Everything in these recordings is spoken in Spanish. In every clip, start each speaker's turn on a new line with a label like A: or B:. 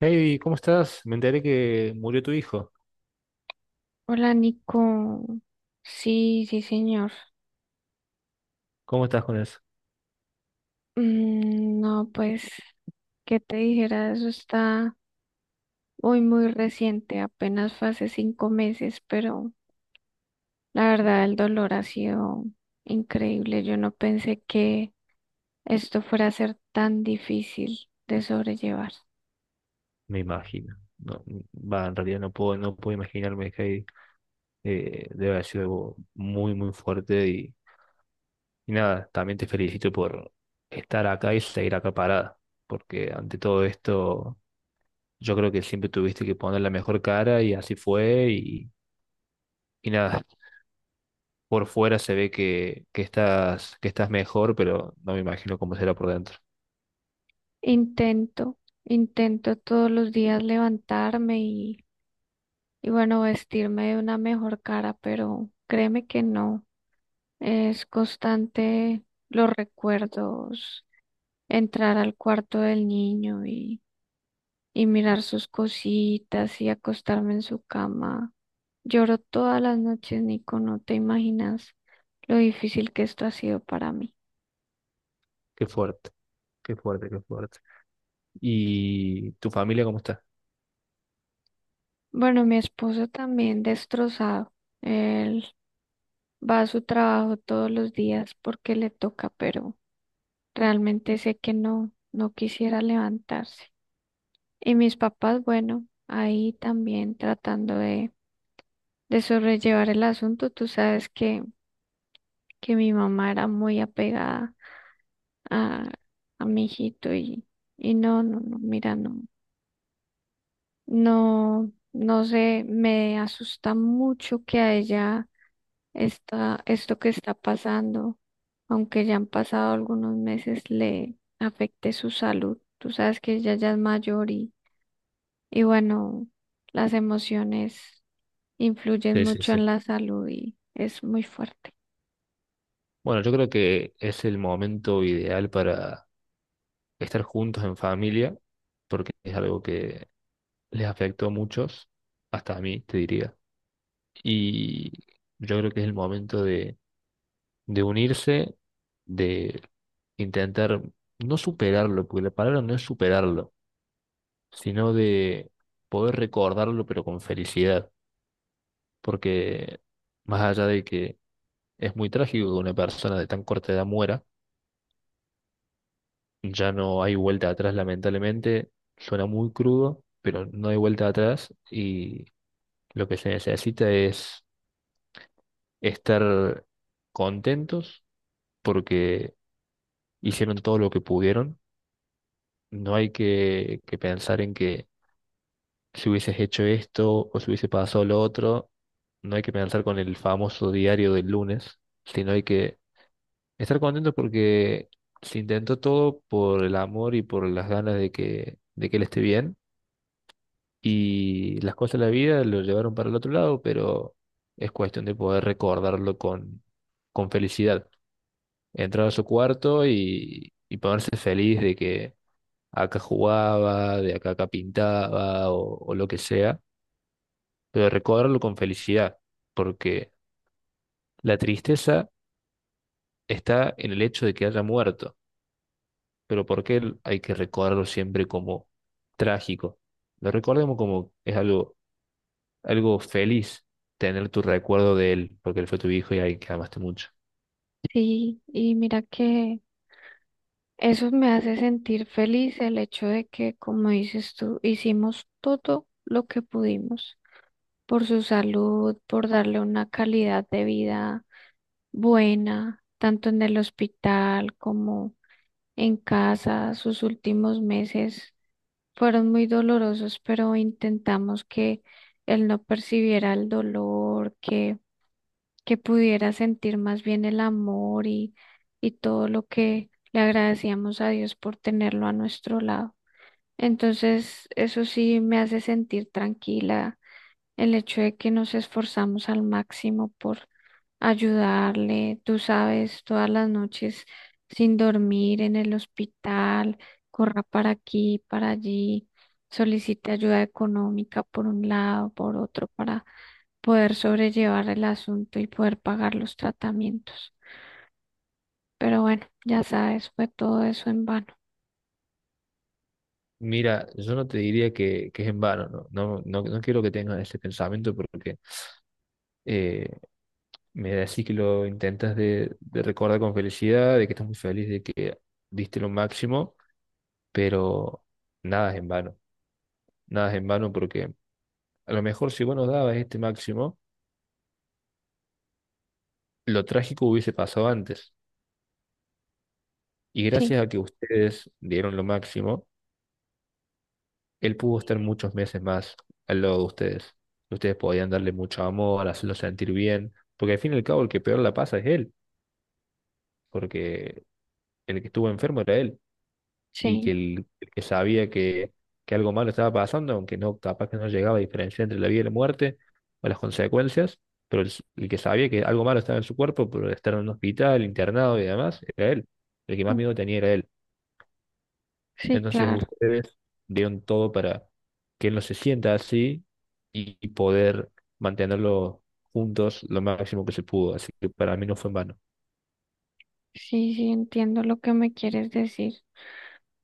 A: Hey, ¿cómo estás? Me enteré que murió tu hijo.
B: Hola, Nico. Sí, sí, señor.
A: ¿Cómo estás con eso?
B: No, pues, ¿qué te dijera? Eso está muy, muy reciente, apenas fue hace 5 meses, pero la verdad el dolor ha sido increíble. Yo no pensé que esto fuera a ser tan difícil de sobrellevar.
A: Me imagino. No, va, en realidad no puedo imaginarme que debe haber sido algo muy, muy fuerte. Y nada, también te felicito por estar acá y seguir acá parada. Porque ante todo esto, yo creo que siempre tuviste que poner la mejor cara y así fue. Y nada, por fuera se ve que estás, que estás mejor, pero no me imagino cómo será por dentro.
B: Intento, intento todos los días levantarme y bueno, vestirme de una mejor cara, pero créeme que no. Es constante los recuerdos, entrar al cuarto del niño y mirar sus cositas y acostarme en su cama. Lloro todas las noches, Nico, no te imaginas lo difícil que esto ha sido para mí.
A: Qué fuerte, qué fuerte, qué fuerte. ¿Y tu familia cómo está?
B: Bueno, mi esposo también destrozado. Él va a su trabajo todos los días porque le toca, pero realmente sé que no, no quisiera levantarse. Y mis papás, bueno, ahí también tratando de sobrellevar el asunto. Tú sabes que mi mamá era muy apegada a, a mi hijito y no, no, no, mira, no. No, no sé, me asusta mucho que a ella está esto que está pasando, aunque ya han pasado algunos meses, le afecte su salud. Tú sabes que ella ya es mayor y bueno, las emociones influyen
A: Sí, sí,
B: mucho
A: sí.
B: en la salud y es muy fuerte.
A: Bueno, yo creo que es el momento ideal para estar juntos en familia, porque es algo que les afectó a muchos, hasta a mí, te diría. Y yo creo que es el momento de unirse, de intentar no superarlo, porque la palabra no es superarlo, sino de poder recordarlo, pero con felicidad, porque más allá de que es muy trágico que una persona de tan corta edad muera, ya no hay vuelta atrás, lamentablemente. Suena muy crudo, pero no hay vuelta atrás y lo que se necesita es estar contentos porque hicieron todo lo que pudieron. No hay que pensar en que si hubieses hecho esto o si hubiese pasado lo otro, no hay que pensar con el famoso diario del lunes, sino hay que estar contentos porque se intentó todo por el amor y por las ganas de que él esté bien y las cosas de la vida lo llevaron para el otro lado, pero es cuestión de poder recordarlo con felicidad. Entrar a su cuarto y ponerse feliz de que acá jugaba, de acá pintaba o lo que sea, pero recordarlo con felicidad, porque la tristeza está en el hecho de que haya muerto, pero ¿por qué hay que recordarlo siempre como trágico? Lo recordemos como es algo feliz tener tu recuerdo de él, porque él fue tu hijo y alguien que amaste mucho.
B: Sí, y mira que eso me hace sentir feliz el hecho de que, como dices tú, hicimos todo lo que pudimos por su salud, por darle una calidad de vida buena, tanto en el hospital como en casa. Sus últimos meses fueron muy dolorosos, pero intentamos que él no percibiera el dolor, que pudiera sentir más bien el amor y todo lo que le agradecíamos a Dios por tenerlo a nuestro lado. Entonces, eso sí me hace sentir tranquila el hecho de que nos esforzamos al máximo por ayudarle, tú sabes, todas las noches sin dormir en el hospital, corra para aquí, para allí, solicite ayuda económica por un lado, por otro, para poder sobrellevar el asunto y poder pagar los tratamientos. Pero bueno, ya sabes, fue todo eso en vano.
A: Mira, yo no te diría que es en vano, no, no, no, no quiero que tengas ese pensamiento porque eh, me decís que lo intentas de recordar con felicidad, de que estás muy feliz, de que diste lo máximo, pero nada es en vano, nada es en vano porque a lo mejor si vos no dabas este máximo, lo trágico hubiese pasado antes. Y
B: Sí,
A: gracias a que ustedes dieron lo máximo, él pudo estar muchos meses más al lado de ustedes. Ustedes podían darle mucho amor, hacerlo sentir bien, porque al fin y al cabo el que peor la pasa es él, porque el que estuvo enfermo era él, y que
B: sí,
A: el que sabía que algo malo estaba pasando, aunque no, capaz que no llegaba a diferenciar entre la vida y la muerte o las consecuencias, pero el que sabía que algo malo estaba en su cuerpo por estar en un hospital, internado y demás, era él. El que más
B: mm,
A: miedo tenía era él.
B: sí,
A: Entonces
B: claro.
A: ustedes dieron todo para que él no se sienta así y poder mantenerlo juntos lo máximo que se pudo. Así que para mí no fue en vano.
B: Sí, sí, entiendo lo que me quieres decir.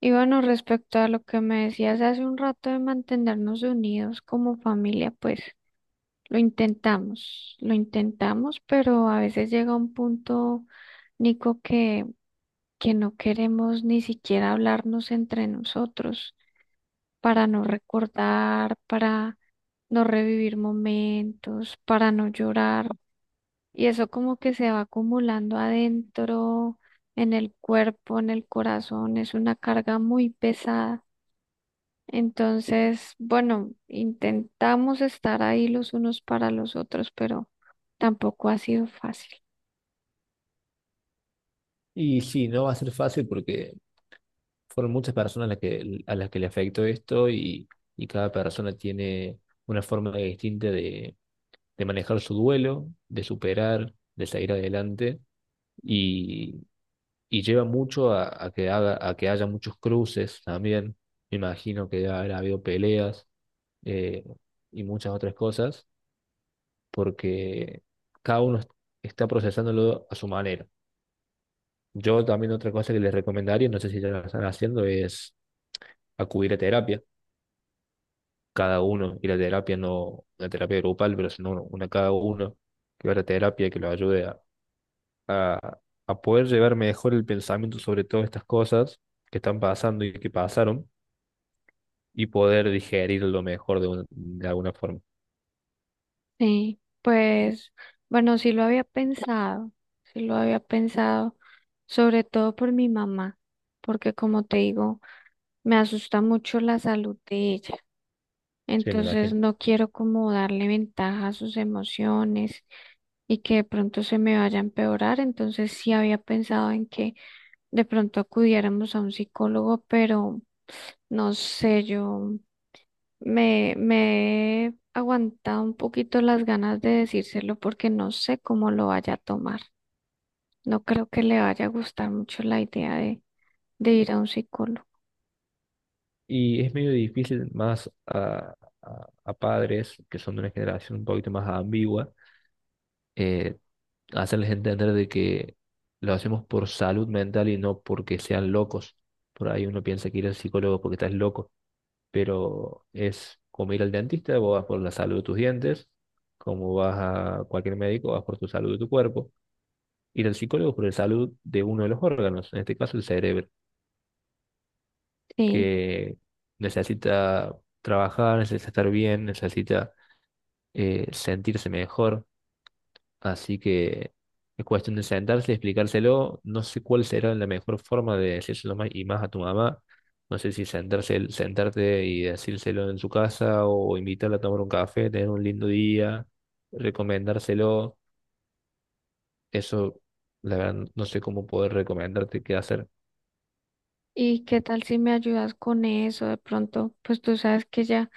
B: Y bueno, respecto a lo que me decías hace un rato de mantenernos unidos como familia, pues lo intentamos, pero a veces llega un punto, Nico, que no queremos ni siquiera hablarnos entre nosotros para no recordar, para no revivir momentos, para no llorar. Y eso como que se va acumulando adentro, en el cuerpo, en el corazón, es una carga muy pesada. Entonces, bueno, intentamos estar ahí los unos para los otros, pero tampoco ha sido fácil.
A: Y sí, no va a ser fácil porque fueron muchas personas a las que le afectó esto y cada persona tiene una forma distinta de manejar su duelo, de superar, de salir adelante y, y lleva mucho a que a que haya muchos cruces también. Me imagino que ha habido peleas eh, y muchas otras cosas, porque cada uno está procesándolo a su manera. Yo también otra cosa que les recomendaría, no sé si ya lo están haciendo, es acudir a terapia, cada uno, y la terapia no, la terapia grupal, pero sino una cada uno, que vaya a terapia, que lo ayude a, a poder llevar mejor el pensamiento sobre todas estas cosas que están pasando y que pasaron, y poder digerirlo mejor de alguna forma.
B: Sí, pues, bueno, sí lo había pensado, sí lo había pensado, sobre todo por mi mamá, porque como te digo, me asusta mucho la salud de ella.
A: Sí, me
B: Entonces,
A: imagino.
B: no quiero como darle ventaja a sus emociones y que de pronto se me vaya a empeorar. Entonces, sí había pensado en que de pronto acudiéramos a un psicólogo, pero no sé, yo me he aguantado un poquito las ganas de decírselo porque no sé cómo lo vaya a tomar. No creo que le vaya a gustar mucho la idea de ir a un psicólogo.
A: Y es medio difícil más a padres que son de una generación un poquito más ambigua, eh, hacerles entender de que lo hacemos por salud mental y no porque sean locos. Por ahí uno piensa que ir al psicólogo porque estás loco, pero es como ir al dentista, vos vas por la salud de tus dientes, como vas a cualquier médico, vas por tu salud de tu cuerpo. Ir al psicólogo por la salud de uno de los órganos, en este caso el cerebro,
B: Sí.
A: que necesita trabajar, necesita estar bien, necesita sentirse mejor. Así que es cuestión de sentarse, y explicárselo. No sé cuál será la mejor forma de decírselo más y más a tu mamá. No sé si sentarte y decírselo en su casa o invitarla a tomar un café, tener un lindo día, recomendárselo. Eso, la verdad, no sé cómo poder recomendarte qué hacer.
B: ¿Y qué tal si me ayudas con eso? De pronto, pues tú sabes que ella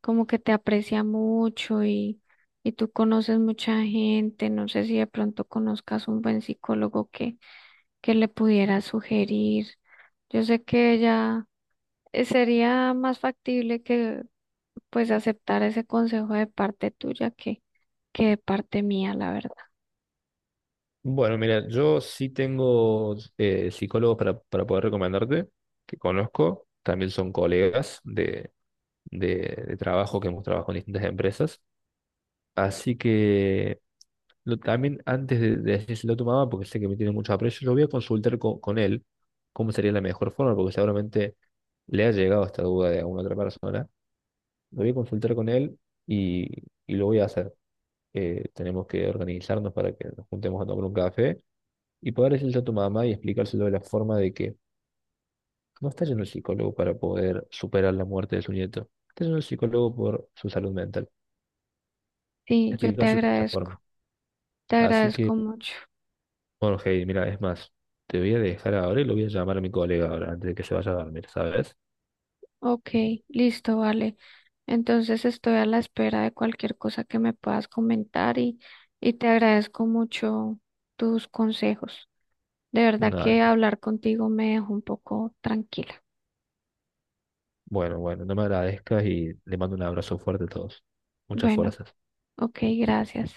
B: como que te aprecia mucho y tú conoces mucha gente. No sé si de pronto conozcas un buen psicólogo que le pudiera sugerir. Yo sé que ella sería más factible que pues aceptar ese consejo de parte tuya que de parte mía, la verdad.
A: Bueno, mira, yo sí tengo psicólogos para poder recomendarte, que conozco, también son colegas de trabajo que hemos trabajado en distintas empresas. Así que también antes de decírselo a tu mamá, porque sé que me tiene mucho aprecio, lo voy a consultar con él cómo sería la mejor forma, porque seguramente le ha llegado esta duda de alguna otra persona. Lo voy a consultar con él y, y lo voy a hacer. Tenemos que organizarnos para que nos juntemos a tomar un café y poder decirle a tu mamá y explicárselo de la forma de que no está yendo al psicólogo para poder superar la muerte de su nieto. Está yendo al psicólogo por su salud mental.
B: Sí, yo
A: Explicárselo de esa forma.
B: te
A: Así
B: agradezco
A: que,
B: mucho.
A: bueno, Heidi, mira, es más, te voy a dejar ahora y lo voy a llamar a mi colega ahora antes de que se vaya a dormir, ¿sabes?
B: Ok, listo, vale. Entonces estoy a la espera de cualquier cosa que me puedas comentar y te agradezco mucho tus consejos. De verdad que
A: Nada,
B: hablar contigo me dejó un poco tranquila.
A: bueno, bueno, no me agradezcas y le mando un abrazo fuerte a todos. Muchas
B: Bueno,
A: fuerzas.
B: ok, gracias.